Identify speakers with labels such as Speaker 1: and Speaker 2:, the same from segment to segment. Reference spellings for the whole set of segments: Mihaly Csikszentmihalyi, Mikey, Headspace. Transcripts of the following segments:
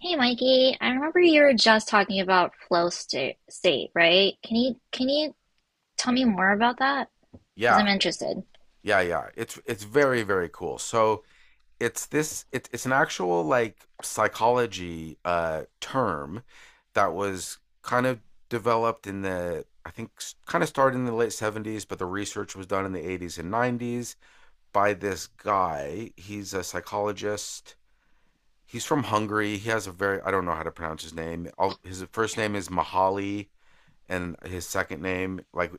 Speaker 1: Hey Mikey, I remember you were just talking about flow state, right? Can you tell me more about that? Because I'm
Speaker 2: Yeah,
Speaker 1: interested.
Speaker 2: yeah, yeah. It's very cool. So it's this it's an actual like psychology term that was kind of developed in the, I think kind of started in the late 70s, but the research was done in the 80s and 90s by this guy. He's a psychologist. He's from Hungary. He has a very, I don't know how to pronounce his name. His first name is Mahali and his second name. Like,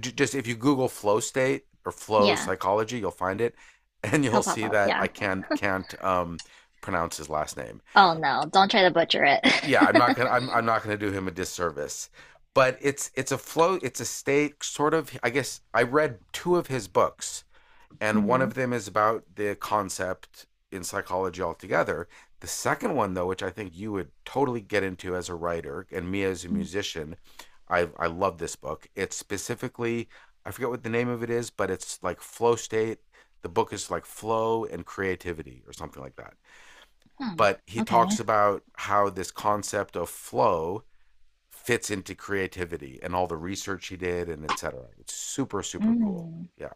Speaker 2: just if you Google flow state or flow
Speaker 1: Yeah,
Speaker 2: psychology, you'll find it, and you'll
Speaker 1: he'll pop
Speaker 2: see
Speaker 1: up.
Speaker 2: that
Speaker 1: Yeah.
Speaker 2: I can't pronounce his last name.
Speaker 1: Oh no, don't try to butcher
Speaker 2: Yeah,
Speaker 1: it.
Speaker 2: I'm not gonna do him a disservice. But it's a state, sort of, I guess. I read two of his books, and one
Speaker 1: Hmm.
Speaker 2: of them is about the concept in psychology altogether. The second one, though, which I think you would totally get into as a writer and me as a musician, I love this book. It's specifically, I forget what the name of it is, but it's like flow state. The book is like flow and creativity or something like that.
Speaker 1: Hmm.
Speaker 2: But he talks
Speaker 1: Okay.
Speaker 2: about how this concept of flow fits into creativity and all the research he did and et cetera. It's super, super cool.
Speaker 1: Mm.
Speaker 2: Yeah.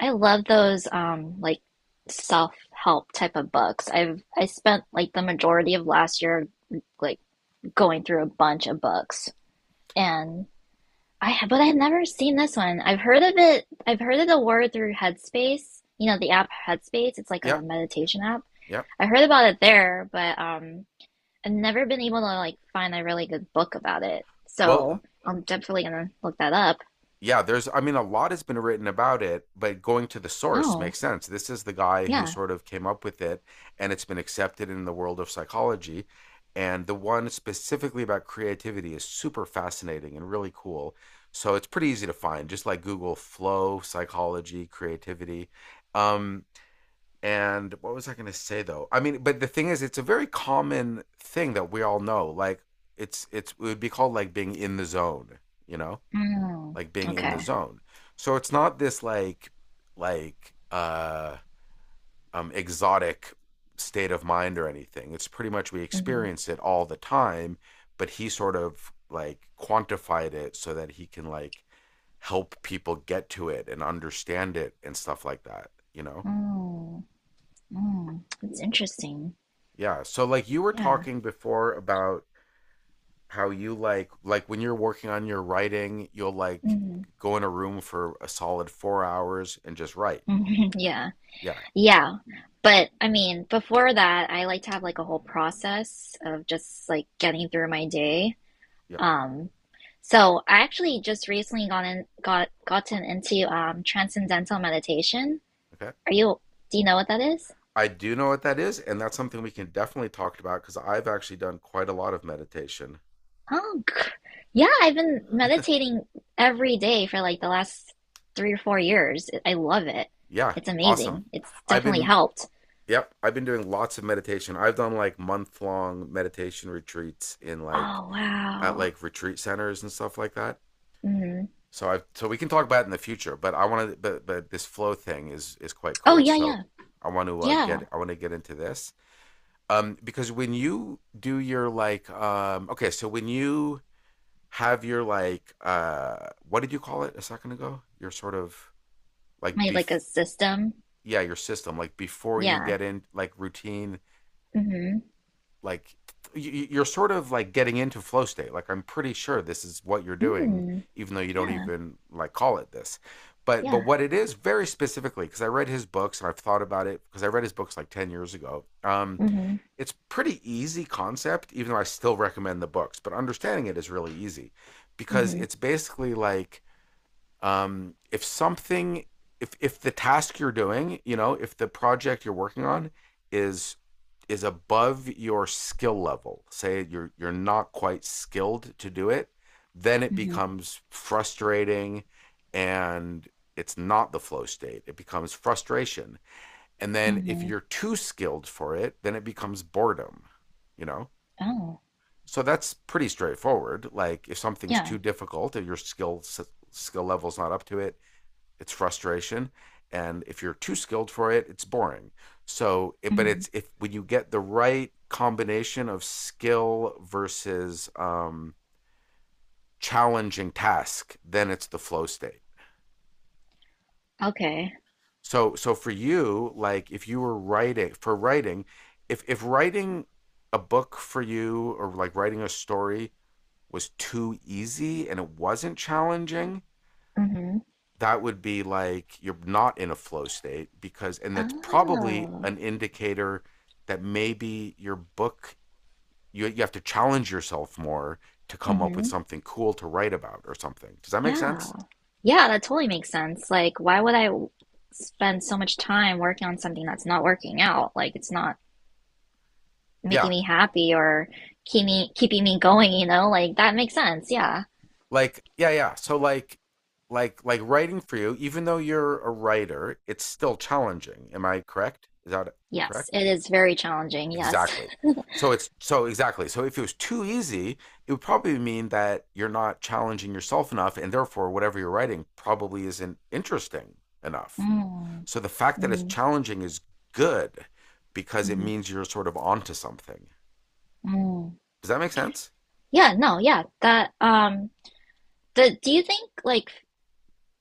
Speaker 1: I love those like self-help type of books. I spent like the majority of last year, like going through a bunch of books. And but I've never seen this one. I've heard of it. I've heard of the word through Headspace. You know, the app Headspace. It's like
Speaker 2: Yeah,
Speaker 1: a meditation app.
Speaker 2: yeah.
Speaker 1: I heard about it there, but I've never been able to like find a really good book about it.
Speaker 2: Well,
Speaker 1: So I'm definitely gonna look that up.
Speaker 2: yeah, there's, I mean, a lot has been written about it, but going to the source
Speaker 1: Oh,
Speaker 2: makes sense. This is the guy who
Speaker 1: yeah.
Speaker 2: sort of came up with it, and it's been accepted in the world of psychology. And the one specifically about creativity is super fascinating and really cool. So it's pretty easy to find. Just like Google flow, psychology, creativity. Um, and what was I going to say though? I mean, but the thing is, it's a very common thing that we all know. Like it's it would be called like being in the zone, you know?
Speaker 1: Mm,
Speaker 2: Like being in the
Speaker 1: okay.
Speaker 2: zone. So it's not this like like uh exotic state of mind or anything. It's pretty much we
Speaker 1: Mm,
Speaker 2: experience it all the time, but he sort of like quantified it so that he can like help people get to it and understand it and stuff like that, you know?
Speaker 1: mm, mm. That's interesting.
Speaker 2: Yeah. So like you were
Speaker 1: Yeah.
Speaker 2: talking before about how you like when you're working on your writing, you'll like
Speaker 1: Mm,
Speaker 2: go in a room for a solid 4 hours and just write.
Speaker 1: yeah.
Speaker 2: Yeah.
Speaker 1: Yeah. But I mean, before that, I like to have like a whole process of just like getting through my day.
Speaker 2: Yeah.
Speaker 1: Um, so I actually just recently gone in, got gotten into transcendental meditation.
Speaker 2: Okay,
Speaker 1: Are you, do you know what that is?
Speaker 2: I do know what that is, and that's something we can definitely talk about because I've actually done quite a lot of meditation.
Speaker 1: Oh, yeah, I've been meditating every day for like the last 3 or 4 years. I love it.
Speaker 2: Yeah,
Speaker 1: It's
Speaker 2: awesome.
Speaker 1: amazing. It's
Speaker 2: I've
Speaker 1: definitely
Speaker 2: been,
Speaker 1: helped.
Speaker 2: yep, I've been doing lots of meditation. I've done like month long meditation retreats in like
Speaker 1: Oh,
Speaker 2: at
Speaker 1: wow.
Speaker 2: like retreat centers and stuff like that.
Speaker 1: Mm.
Speaker 2: So I've, so we can talk about it in the future, but I want to, but this flow thing is quite
Speaker 1: Oh,
Speaker 2: cool.
Speaker 1: yeah,
Speaker 2: So
Speaker 1: yeah.
Speaker 2: I want to
Speaker 1: Yeah.
Speaker 2: get I want to get into this because when you do your like okay, so when you have your like what did you call it a second ago? Your sort of like
Speaker 1: My
Speaker 2: bef
Speaker 1: like a system.
Speaker 2: yeah, your system, like before you
Speaker 1: Yeah.
Speaker 2: get in, like routine,
Speaker 1: Mm-hmm.
Speaker 2: like you, are sort of like getting into flow state. Like I'm pretty sure this is what you're doing
Speaker 1: Mm.
Speaker 2: even though you don't
Speaker 1: Yeah.
Speaker 2: even like call it this. But
Speaker 1: Yeah.
Speaker 2: what it is very specifically, because I read his books and I've thought about it because I read his books like 10 years ago.
Speaker 1: Mm-hmm.
Speaker 2: It's pretty easy concept, even though I still recommend the books, but understanding it is really easy because
Speaker 1: Mm-hmm.
Speaker 2: it's basically like if something, if the task you're doing, you know, if the project you're working on is is above your skill level, say you're not quite skilled to do it, then it
Speaker 1: Mm-hmm.
Speaker 2: becomes frustrating, and it's not the flow state, it becomes frustration. And then if
Speaker 1: Mm-hmm.
Speaker 2: you're too skilled for it, then it becomes boredom, you know.
Speaker 1: Oh.
Speaker 2: So that's pretty straightforward. Like if something's
Speaker 1: Yeah.
Speaker 2: too difficult, if your skill level's not up to it, it's frustration, and if you're too skilled for it, it's boring. So but
Speaker 1: Mm-hmm.
Speaker 2: it's, if when you get the right combination of skill versus challenging task, then it's the flow state.
Speaker 1: Okay.
Speaker 2: So so for you, like if you were writing, for writing, if writing a book for you, or like writing a story, was too easy and it wasn't challenging,
Speaker 1: Mm-hmm.
Speaker 2: that would be like you're not in a flow state, because, and that's probably
Speaker 1: Oh.
Speaker 2: an indicator that maybe your book, you have to challenge yourself more to come up with
Speaker 1: Mm-hmm.
Speaker 2: something cool to write about, or something. Does that make
Speaker 1: Yeah.
Speaker 2: sense?
Speaker 1: Yeah, that totally makes sense. Like, why would spend so much time working on something that's not working out? Like, it's not making
Speaker 2: Yeah,
Speaker 1: me happy or keeping me going, you know? Like, that makes sense. Yeah.
Speaker 2: like yeah, yeah, so like writing for you, even though you're a writer, it's still challenging. Am I correct? Is that
Speaker 1: Yes,
Speaker 2: correct?
Speaker 1: it is very challenging. Yes.
Speaker 2: Exactly. So it's so exactly. So if it was too easy, it would probably mean that you're not challenging yourself enough, and therefore whatever you're writing probably isn't interesting enough.
Speaker 1: Mm.
Speaker 2: So the fact that it's
Speaker 1: Mm-hmm.
Speaker 2: challenging is good, because it means you're sort of onto something.
Speaker 1: Mm-hmm.
Speaker 2: Does that make sense?
Speaker 1: Yeah, no, yeah. That the Do you think like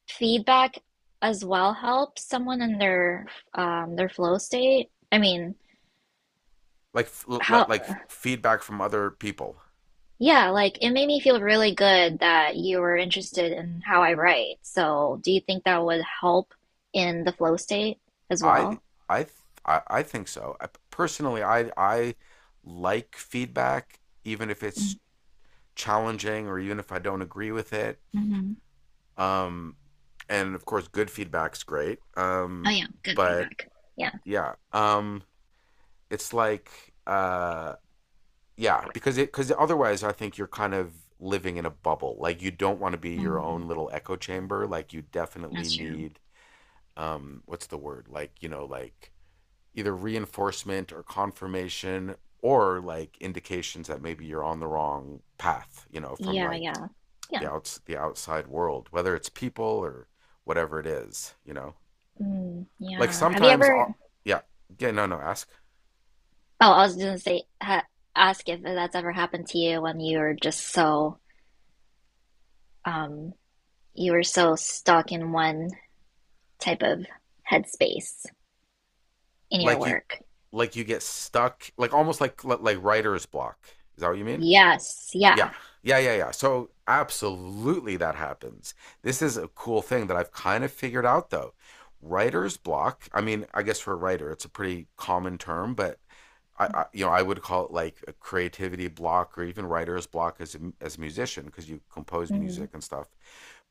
Speaker 1: feedback as well helps someone in their flow state? I mean,
Speaker 2: Like
Speaker 1: how
Speaker 2: like feedback from other people.
Speaker 1: yeah, like it made me feel really good that you were interested in how I write. So, do you think that would help in the flow state as
Speaker 2: I
Speaker 1: well?
Speaker 2: I I think so. I personally, I like feedback even if it's challenging, or even if I don't agree with it.
Speaker 1: Mm-hmm.
Speaker 2: Um, and of course, good feedback's great.
Speaker 1: Oh, yeah, good
Speaker 2: But
Speaker 1: feedback. Yeah.
Speaker 2: yeah, it's like uh, yeah, because it, because otherwise, I think you're kind of living in a bubble. Like you don't want to be your
Speaker 1: Mm,
Speaker 2: own little echo chamber. Like you definitely
Speaker 1: that's true.
Speaker 2: need what's the word? Like, you know, like either reinforcement or confirmation, or like indications that maybe you're on the wrong path. You know, from
Speaker 1: Yeah,
Speaker 2: like
Speaker 1: yeah. Yeah.
Speaker 2: the outside world, whether it's people or whatever it is, you know.
Speaker 1: Mm,
Speaker 2: Like
Speaker 1: yeah. Have you
Speaker 2: sometimes,
Speaker 1: ever
Speaker 2: yeah, yeah, no, no, ask.
Speaker 1: Oh, I was just gonna say, ha ask if that's ever happened to you when you were just so, um, you were so stuck in one type of headspace in your
Speaker 2: Like you,
Speaker 1: work.
Speaker 2: like you get stuck, like almost like writer's block. Is that what you mean?
Speaker 1: Yes,
Speaker 2: Yeah.
Speaker 1: yeah.
Speaker 2: Yeah, yeah, yeah. So absolutely that happens. This is a cool thing that I've kind of figured out though. Writer's block. I mean, I guess for a writer, it's a pretty common term, but I, you know, I would call it like a creativity block, or even writer's block as a, as a musician, because you compose
Speaker 1: Hmm.
Speaker 2: music and stuff.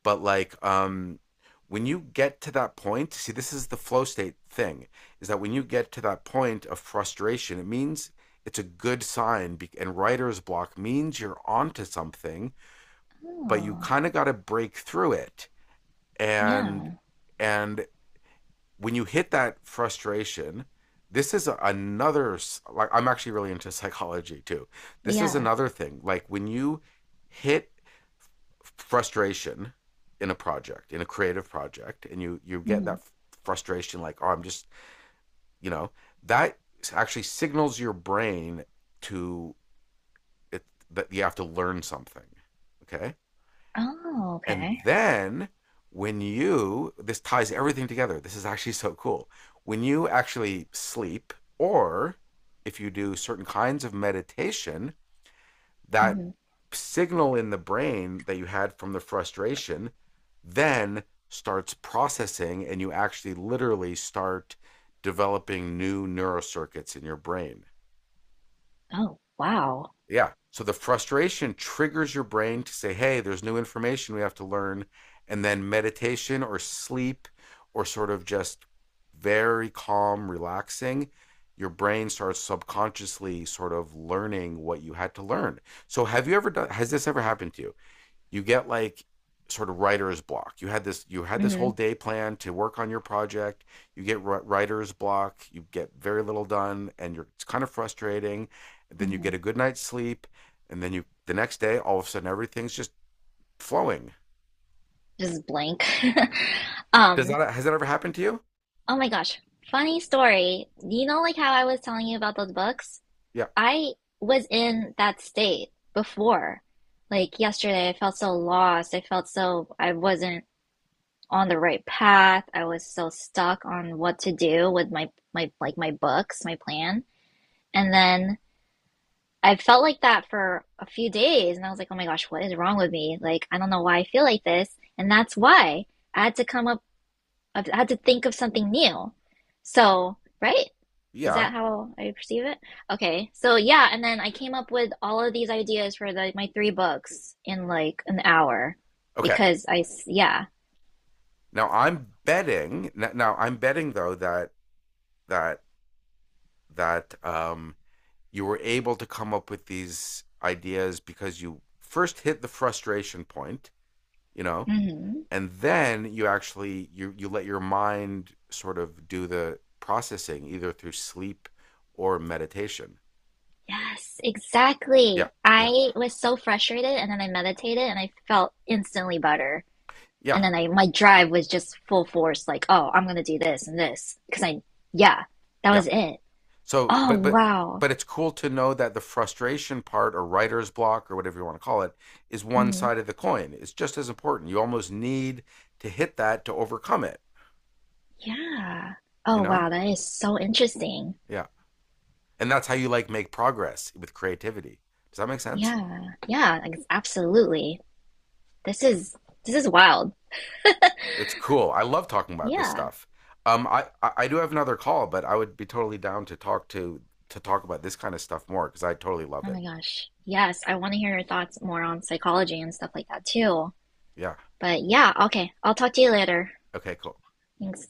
Speaker 2: But like when you get to that point, see this is the flow state thing, is that when you get to that point of frustration, it means it's a good sign. And writer's block means you're onto something, but you
Speaker 1: Oh,
Speaker 2: kind of got to break through it. And
Speaker 1: yeah,
Speaker 2: and when you hit that frustration, this is another, like I'm actually really into psychology too. This is
Speaker 1: yeah.
Speaker 2: another thing. Like when you hit frustration in a project, in a creative project, and you get
Speaker 1: Hmm.
Speaker 2: that frustration like, oh, I'm just, you know, that actually signals your brain to, it, that you have to learn something. Okay.
Speaker 1: Oh,
Speaker 2: And
Speaker 1: okay.
Speaker 2: then when you, this ties everything together. This is actually so cool. When you actually sleep, or if you do certain kinds of meditation, that
Speaker 1: Hmm.
Speaker 2: signal in the brain that you had from the frustration then starts processing, and you actually literally start developing new neurocircuits in your brain.
Speaker 1: Oh, wow.
Speaker 2: Yeah. So the frustration triggers your brain to say, hey, there's new information we have to learn. And then meditation or sleep, or sort of just very calm, relaxing, your brain starts subconsciously sort of learning what you had to learn. So have you ever done, has this ever happened to you? You get like sort of writer's block. You had this, you had this whole
Speaker 1: Hmm.
Speaker 2: day planned to work on your project. You get writer's block. You get very little done, and you're, it's kind of frustrating. And then you get
Speaker 1: Hmm.
Speaker 2: a good night's sleep, and then you, the next day all of a sudden everything's just flowing.
Speaker 1: Just blank.
Speaker 2: Does
Speaker 1: Um,
Speaker 2: that, has that ever happened to you?
Speaker 1: oh my gosh. Funny story. You know, like how I was telling you about those books?
Speaker 2: Yeah,
Speaker 1: I was in that state before. Like yesterday, I felt so lost. I felt so I wasn't on the right path. I was so stuck on what to do with my books, my plan. And then I felt like that for a few days and I was like, "Oh my gosh, what is wrong with me? Like, I don't know why I feel like this." And that's why I had to come up I had to think of something new. So, right? Is
Speaker 2: yeah.
Speaker 1: that how I perceive it? Okay. So yeah, and then I came up with all of these ideas for the my three books in like an hour
Speaker 2: Okay.
Speaker 1: because yeah.
Speaker 2: Now I'm betting. Now I'm betting though that that that um, you were able to come up with these ideas because you first hit the frustration point, you know,
Speaker 1: Hmm.
Speaker 2: and then you actually, you let your mind sort of do the processing, either through sleep or meditation.
Speaker 1: Yes,
Speaker 2: Yeah,
Speaker 1: exactly.
Speaker 2: yeah,
Speaker 1: I was so frustrated and then I meditated and I felt instantly better.
Speaker 2: yeah,
Speaker 1: And then I my drive was just full force like, oh, I'm gonna do this and this because I yeah, that
Speaker 2: yeah.
Speaker 1: was it.
Speaker 2: So
Speaker 1: Oh
Speaker 2: but but
Speaker 1: wow.
Speaker 2: but it's cool to know that the frustration part, or writer's block or whatever you want to call it, is one
Speaker 1: Hmm.
Speaker 2: side of the coin. It's just as important. You almost need to hit that to overcome it,
Speaker 1: Yeah.
Speaker 2: you
Speaker 1: Oh
Speaker 2: know.
Speaker 1: wow, that is so interesting.
Speaker 2: Yeah, and that's how you like make progress with creativity. Does that make sense?
Speaker 1: Yeah, yeah, absolutely. This is this is wild.
Speaker 2: It's cool. I love talking about this
Speaker 1: Yeah.
Speaker 2: stuff. I do have another call, but I would be totally down to talk to talk about this kind of stuff more, because I totally love
Speaker 1: Oh
Speaker 2: it.
Speaker 1: my gosh. Yes, I want to hear your thoughts more on psychology and stuff like that too.
Speaker 2: Yeah.
Speaker 1: But yeah, okay. I'll talk to you later.
Speaker 2: Okay. Cool.
Speaker 1: Thanks.